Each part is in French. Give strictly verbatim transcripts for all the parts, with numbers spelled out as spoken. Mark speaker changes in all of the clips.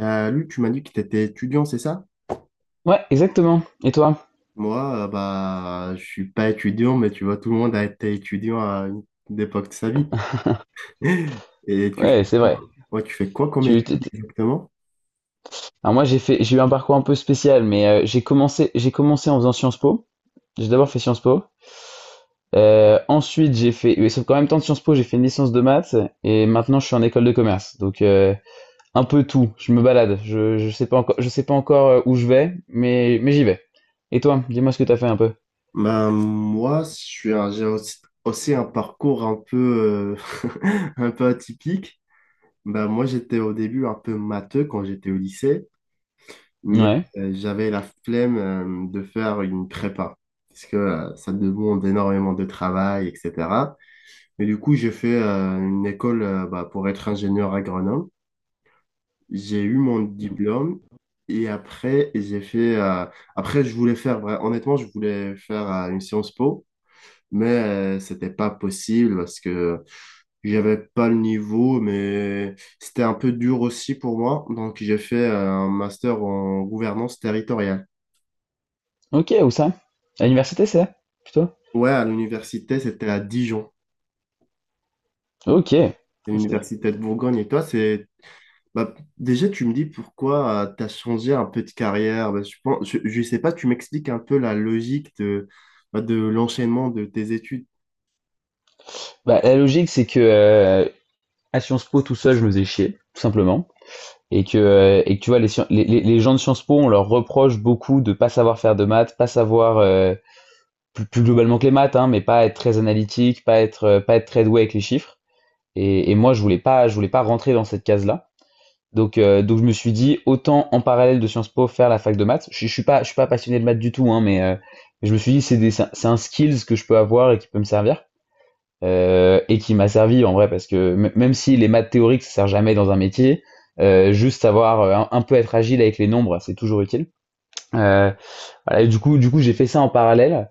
Speaker 1: Euh, Luc, tu m'as dit que tu étais étudiant, c'est ça?
Speaker 2: Ouais, exactement. Et toi?
Speaker 1: Moi, euh, bah, je suis pas étudiant, mais tu vois, tout le monde a été étudiant à une une époque de sa vie. Et tu fais
Speaker 2: Ouais, c'est
Speaker 1: quoi?
Speaker 2: vrai.
Speaker 1: Ouais, tu fais quoi comme
Speaker 2: Tu,
Speaker 1: étude
Speaker 2: t'es- t'es-
Speaker 1: exactement?
Speaker 2: Alors moi, j'ai fait, j'ai eu un parcours un peu spécial, mais euh, j'ai commencé, j'ai commencé en faisant Sciences Po. J'ai d'abord fait Sciences Po. Euh, ensuite, j'ai fait, et sauf qu'en même temps de Sciences Po, j'ai fait une licence de maths et maintenant je suis en école de commerce. Donc euh, un peu tout. Je me balade. Je, je sais pas encore, je sais pas encore euh, où je vais, mais mais j'y vais. Et toi, dis-moi ce que t'as fait un peu.
Speaker 1: Bah, moi, je suis un- j'ai aussi, aussi un parcours un peu, euh, un peu atypique. Bah, moi, j'étais au début un peu matheux quand j'étais au lycée, mais
Speaker 2: Ouais.
Speaker 1: euh, j'avais la flemme euh, de faire une prépa, parce que euh, ça demande énormément de travail, et cetera. Mais du coup, j'ai fait euh, une école euh, bah, pour être ingénieur agronome. J'ai eu mon diplôme et après, j'ai fait. euh, après, je voulais faire. vra- honnêtement, je voulais faire euh, une Sciences Po, mais euh, c'était pas possible parce que j'avais pas le niveau, mais c'était un peu dur aussi pour moi. Donc, j'ai fait euh, un master en gouvernance territoriale.
Speaker 2: Ok, où ça? À l'université, c'est là? Plutôt?
Speaker 1: Ouais, à l'université, c'était à Dijon,
Speaker 2: Ok.
Speaker 1: c'est
Speaker 2: C'est-
Speaker 1: l'université de Bourgogne. Et toi, c'est bah, déjà, tu me dis pourquoi tu as changé un peu de carrière. Bah, je pense, je, je sais pas, tu m'expliques un peu la logique de, bah, de l'enchaînement de tes études.
Speaker 2: Bah, la logique, c'est que euh, à Sciences Po tout seul, je me faisais chier, tout simplement. Et que, euh, et que tu vois, les, scien- les, les- les gens de Sciences Po, on leur reproche beaucoup de pas savoir faire de maths, pas savoir, euh, plus, plus globalement que les maths, hein, mais pas être très analytique, pas être, euh, pas être très doué avec les chiffres. Et, et moi, je voulais pas, je voulais pas rentrer dans cette case-là. Donc, euh, donc je me suis dit, autant en parallèle de Sciences Po faire la fac de maths. Je, suis- je suis pas, je suis pas passionné de maths du tout, hein, mais euh, je me suis dit, c'est des- c'est un c'est un skills que je peux avoir et qui peut me servir euh, et qui m'a servi en vrai parce que m- même si les maths théoriques ça sert jamais dans un métier, euh, juste savoir euh, un, un peu être agile avec les nombres c'est toujours utile. Euh, voilà, et du coup, du coup j'ai fait ça en parallèle.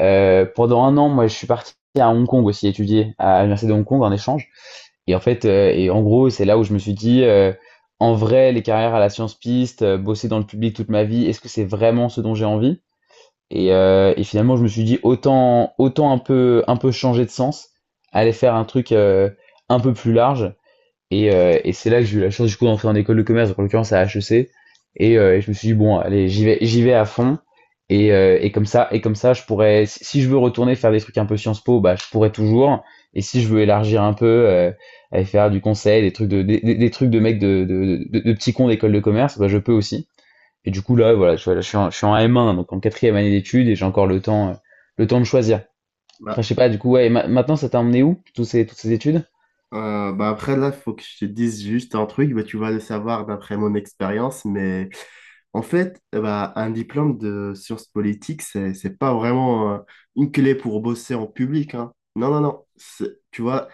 Speaker 2: Euh, pendant un an, moi je suis parti à Hong Kong aussi étudier à l'université de Hong Kong en échange. Et en fait, euh, et en gros c'est là où je me suis dit, euh, en vrai les carrières à la science piste, euh, bosser dans le public toute ma vie, est-ce que c'est vraiment ce dont j'ai envie? Et, euh, et finalement, je me suis dit autant, autant un peu, un peu changer de sens, aller faire un truc euh, un peu plus large. Et, euh, et c'est là que j'ai eu la chance du coup d'entrer en école de commerce, donc en l'occurrence à H E C. Et, euh, et je me suis dit bon, allez, j'y vais, j'y vais à fond. Et, euh, et comme ça, et comme ça, je pourrais, si si je veux retourner faire des trucs un peu Sciences Po, bah je pourrais toujours. Et si je veux élargir un peu, euh, aller faire du conseil, des trucs de, des, des- des trucs de mecs de, de, de, de petits cons d'école de commerce, bah je peux aussi. Et du coup, là, voilà, je, voilà, je suis, en, je suis en M un, donc en quatrième année d'études, et j'ai encore le temps, euh, le temps de choisir. Enfin,
Speaker 1: Bah,
Speaker 2: je sais pas, du coup, ouais, et ma- maintenant, ça t'a emmené où, tous ces, toutes ces études?
Speaker 1: Euh, bah après, là, il faut que je te dise juste un truc. Bah, tu vas le savoir d'après mon expérience, mais en fait, euh, bah, un diplôme de sciences politiques, c'est, c'est pas vraiment euh, une clé pour bosser en public, hein. Non, non, non. C'est tu vois,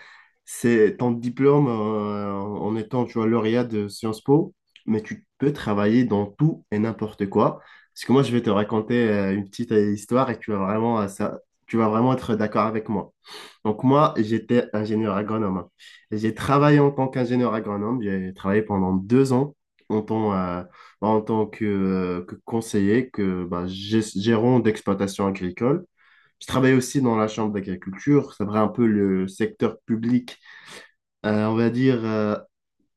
Speaker 1: c'est ton diplôme euh, en étant, tu vois, lauréat de Sciences Po, mais tu peux travailler dans tout et n'importe quoi. Parce que moi, je vais te raconter euh, une petite euh, histoire et tu vas vraiment, euh, ça, tu vas vraiment être d'accord avec moi. Donc moi, j'étais ingénieur agronome. J'ai travaillé en tant qu'ingénieur agronome. J'ai travaillé pendant deux ans en tant, euh, en tant que, euh, que conseiller, que bah, gest- gérant d'exploitation agricole. Je travaillais aussi dans la chambre d'agriculture. C'est vrai un peu le secteur public, euh, on va dire, euh,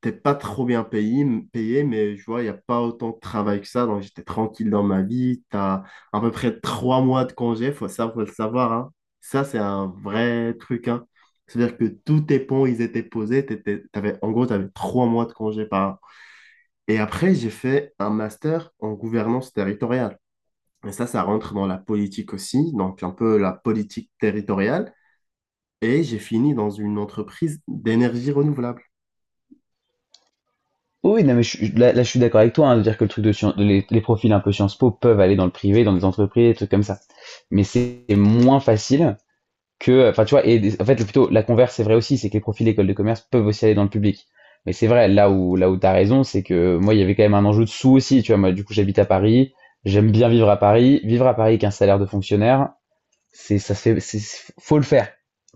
Speaker 1: t'es pas trop bien payé, m- payé mais je vois, il n'y a pas autant de travail que ça. Donc, j'étais tranquille dans ma vie. Tu as à peu près trois mois de congé, faut ça, faut le savoir, hein. Ça, c'est un vrai truc, hein. C'est-à-dire que tous tes ponts, ils étaient posés. t'étais- T'avais, en gros, tu avais trois mois de congé par an. Et après, j'ai fait un master en gouvernance territoriale. Et ça, ça rentre dans la politique aussi, donc un peu la politique territoriale. Et j'ai fini dans une entreprise d'énergie renouvelable.
Speaker 2: Oh oui, non, mais je, suis- là, là, je suis d'accord avec toi, hein, de dire que le truc de scien- de les, les profils un peu Sciences Po peuvent aller dans le privé, dans des entreprises, des trucs comme ça. Mais c'est moins facile que, enfin, tu vois, et des- en fait, plutôt, la converse, c'est vrai aussi, c'est que les profils école de commerce peuvent aussi aller dans le public. Mais c'est vrai, là où, là où t'as raison, c'est que moi, il y avait quand même un enjeu de sous aussi, tu vois, moi, du coup, j'habite à Paris, j'aime bien vivre à Paris, vivre à Paris avec un salaire de fonctionnaire. C'est, ça se fait, c'est, faut le faire.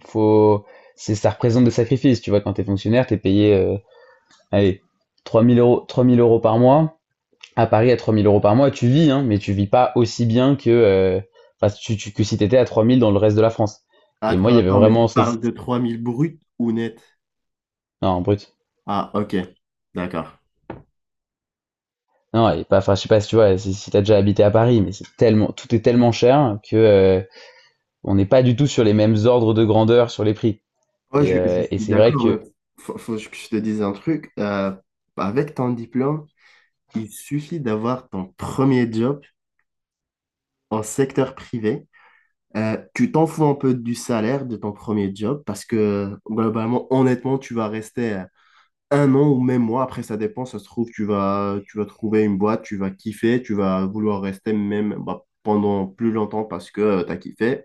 Speaker 2: Faut, c'est, Ça représente des sacrifices. Tu vois, quand t'es fonctionnaire, t'es payé, euh, allez, trois mille euros, trois mille euros par mois. À Paris, à trois mille euros par mois, tu vis, hein, mais tu vis pas aussi bien que, euh, enfin, tu, tu- que si t'étais à trois mille dans le reste de la France. Et moi,
Speaker 1: Attends,
Speaker 2: il y avait
Speaker 1: attends, mais tu
Speaker 2: vraiment, ce-
Speaker 1: parles de trois mille bruts ou net?
Speaker 2: non, brut.
Speaker 1: Ah, ok, d'accord.
Speaker 2: Non, et pas, enfin, je sais pas si tu vois, si, si t'as déjà habité à Paris, mais c'est tellement, tout est tellement cher que, euh, on n'est pas du tout sur les mêmes ordres de grandeur sur les prix.
Speaker 1: Ouais,
Speaker 2: Et,
Speaker 1: je, je
Speaker 2: euh, et
Speaker 1: suis
Speaker 2: c'est vrai
Speaker 1: d'accord, mais
Speaker 2: que.
Speaker 1: faut, faut que je te dise un truc. Euh, avec ton diplôme, il suffit d'avoir ton premier job en secteur privé. Euh, tu t'en fous un peu du salaire de ton premier job parce que globalement, honnêtement, tu vas rester euh, un an ou même mois. Après, ça dépend, ça se trouve, tu vas, tu vas trouver une boîte, tu vas kiffer, tu vas vouloir rester même bah, pendant plus longtemps parce que tu as kiffé.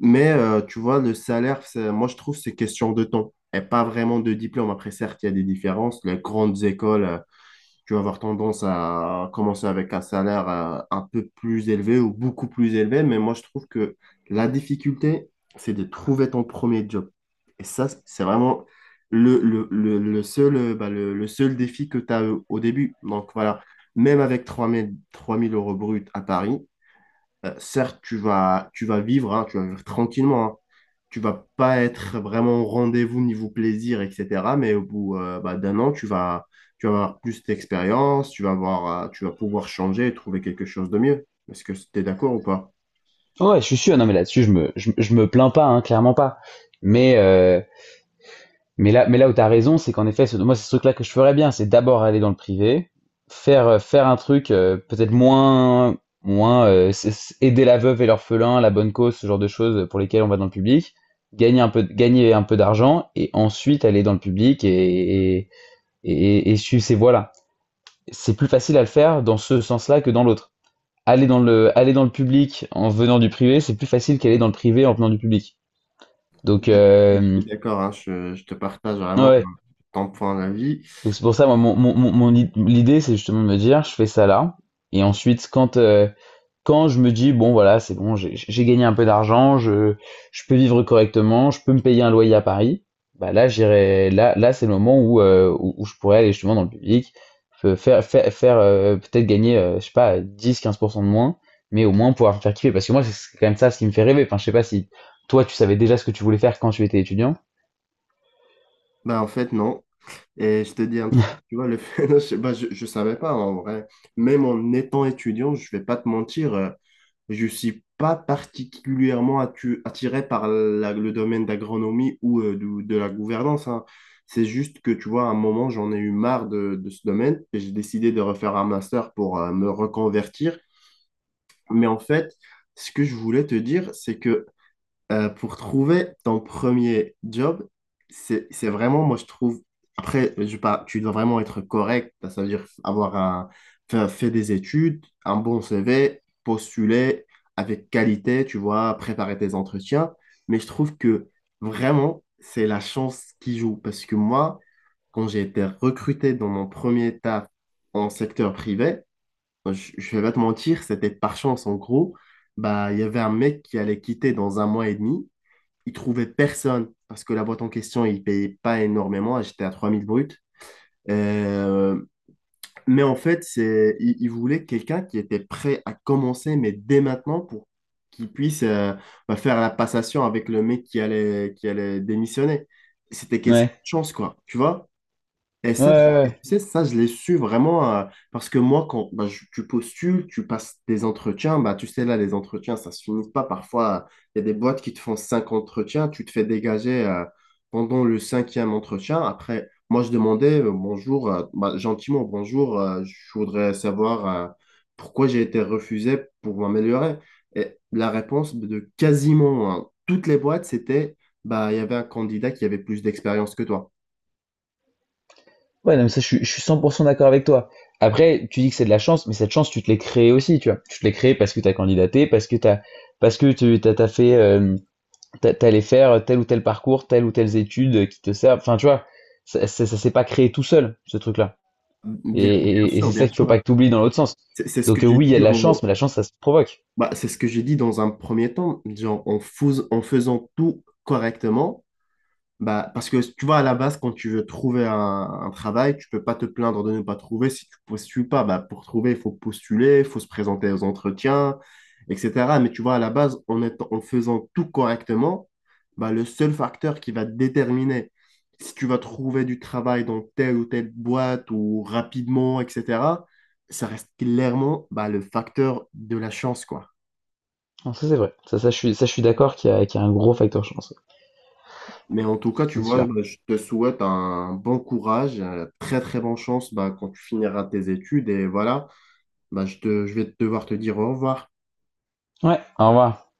Speaker 1: Mais euh, tu vois, le salaire, c'est moi je trouve c'est question de temps et pas vraiment de diplôme. Après, certes, il y a des différences. Les grandes écoles, euh, tu vas avoir tendance à commencer avec un salaire euh, un peu plus élevé ou beaucoup plus élevé. Mais moi je trouve que la difficulté, c'est de trouver ton premier job. Et ça, c'est vraiment le, le, le, le seul, euh, bah, le, le seul défi que tu as euh, au début. Donc voilà, même avec trois mille trois mille euros bruts à Paris, euh, certes, tu vas, tu vas vivre, hein, tu vas vivre tranquillement, hein. Tu vas pas être vraiment au rendez-vous niveau plaisir, et cetera. Mais au bout euh, bah, d'un an, tu vas, tu vas avoir plus d'expérience, tu vas avoir, euh, tu vas pouvoir changer et trouver quelque chose de mieux. Est-ce que tu es d'accord ou pas?
Speaker 2: Ouais, je suis sûr. Non, mais là-dessus, je me, je, je me plains pas, hein, clairement pas. Mais, euh, mais là, mais là où t'as raison, c'est qu'en effet, ce- moi, c'est ce truc-là que je ferais bien, c'est d'abord aller dans le privé, faire, euh, faire un truc euh, peut-être moins, moins euh, c'est- c'est aider la veuve et l'orphelin, la bonne cause, ce genre de choses pour lesquelles on va dans le public, gagner un peu, de- gagner un peu d'argent et ensuite aller dans le public et, et, et, et suivre ces voies-là. C'est plus facile à le faire dans ce sens-là que dans l'autre. Aller dans le, aller dans le public en venant du privé, c'est plus facile qu'aller dans le privé en venant du public. Donc,
Speaker 1: Je, je
Speaker 2: euh,
Speaker 1: suis d'accord, hein, je, je te partage vraiment
Speaker 2: ouais,
Speaker 1: ton point d'avis.
Speaker 2: donc c'est pour ça, moi, mon, mon, mon- mon i- l'idée, c'est justement de me dire, je fais ça là. Et ensuite, quand, euh, quand je me dis, bon, voilà, c'est bon, j'ai j'ai gagné un peu d'argent, je, je peux vivre correctement, je peux me payer un loyer à Paris, bah là, j'irai, là, là, c'est le moment où, euh, où, où je pourrais aller justement dans le public, fe- faire, faire, faire euh, peut-être gagner, euh, je sais pas, dix-quinze pour cent de moins, mais au moins pouvoir me faire kiffer. Parce que moi, c'est c'est quand même ça ce qui me fait rêver. Enfin, je sais pas si toi, tu savais déjà ce que tu voulais faire quand tu étais étudiant.
Speaker 1: Bah, en fait, non. Et je te dis un truc, tu vois, le fait, je, sais pas, je, je savais pas en vrai. Même en étant étudiant, je vais pas te mentir. euh, Je suis pas particulièrement attu- attiré par la- le domaine d'agronomie ou euh, du- de, la gouvernance, hein. C'est juste que, tu vois, à un moment, j'en ai eu marre de, de ce domaine et j'ai décidé de refaire un master pour euh, me reconvertir. Mais en fait, ce que je voulais te dire, c'est que euh, pour trouver ton premier job, c'est, c'est vraiment, moi je trouve, après, je pas, tu dois vraiment être correct, ça veut dire avoir un, faire- fait des études, un bon C V, postuler avec qualité, tu vois, préparer tes entretiens, mais je trouve que vraiment, c'est la chance qui joue, parce que moi, quand j'ai été recruté dans mon premier taf en secteur privé, je, je vais pas te mentir, c'était par chance en gros. Bah, il y avait un mec qui allait quitter dans un mois et demi ils trouvaient personne parce que la boîte en question, ils ne payaient pas énormément. J'étais à trois mille bruts. Euh, mais en fait, c'est, ils, ils voulaient quelqu'un qui était prêt à commencer, mais dès maintenant, pour qu'il puisse euh, bah, faire la passation avec le mec qui allait, qui allait démissionner. C'était question
Speaker 2: Ouais.
Speaker 1: de chance, quoi. Tu vois? Et
Speaker 2: Ouais, ouais,
Speaker 1: ça, c'est tu
Speaker 2: ouais.
Speaker 1: sais, ça, je l'ai su vraiment euh, parce que moi, quand bah, je- tu postules, tu passes des entretiens, bah, tu sais, là, les entretiens, ça se finit pas. Parfois, il y a des boîtes qui te font cinq entretiens, tu te fais dégager euh, pendant le cinquième entretien. Après, moi, je demandais euh, bonjour, euh, bah, gentiment, bonjour, euh, je voudrais savoir euh, pourquoi j'ai été refusé pour m'améliorer. Et la réponse de quasiment hein, toutes les boîtes, c'était bah, il y avait un candidat qui avait plus d'expérience que toi.
Speaker 2: Ouais, non, mais ça, je suis, je suis cent pour cent d'accord avec toi. Après, tu dis que c'est de la chance, mais cette chance, tu te l'es créée aussi, tu vois. Tu te l'es créée parce que tu as candidaté, parce que t'as, parce que tu t'as, t'as fait, euh, t'as- t'allais faire tel ou tel parcours, telles ou telles études qui te servent. Enfin, tu vois, ça, ça, ça s'est pas créé tout seul, ce truc-là. Et,
Speaker 1: Bien, bien
Speaker 2: et, et
Speaker 1: sûr,
Speaker 2: c'est ça
Speaker 1: bien
Speaker 2: qu'il faut
Speaker 1: sûr.
Speaker 2: pas que tu oublies dans l'autre sens.
Speaker 1: C'est c'est ce que
Speaker 2: Donc, euh,
Speaker 1: j'ai
Speaker 2: oui, il y a
Speaker 1: dit
Speaker 2: de la chance,
Speaker 1: au-
Speaker 2: mais la chance, ça se provoque.
Speaker 1: bah, c'est ce que j'ai dit dans un premier temps. Genre, en, fous- en faisant tout correctement, bah, parce que tu vois, à la base, quand tu veux trouver un, un travail, tu peux pas te plaindre de ne pas trouver si tu postules pas. Bah, pour trouver, il faut postuler, il faut se présenter aux entretiens, et cetera. Mais tu vois, à la base, en étant- en faisant tout correctement, bah, le seul facteur qui va déterminer si tu vas trouver du travail dans telle ou telle boîte ou rapidement, et cetera, ça reste clairement bah, le facteur de la chance, quoi.
Speaker 2: Non, ça, c'est vrai. Ça, ça, je suis, ça, je suis d'accord qu'il y a, qu'il y a un gros facteur chance. Ouais.
Speaker 1: Mais en tout cas, tu
Speaker 2: C'est
Speaker 1: vois,
Speaker 2: sûr.
Speaker 1: bah, je te souhaite un bon courage, euh, très très bonne chance bah, quand tu finiras tes études. Et voilà, bah, je te, je vais devoir te dire au revoir.
Speaker 2: Ouais, au revoir.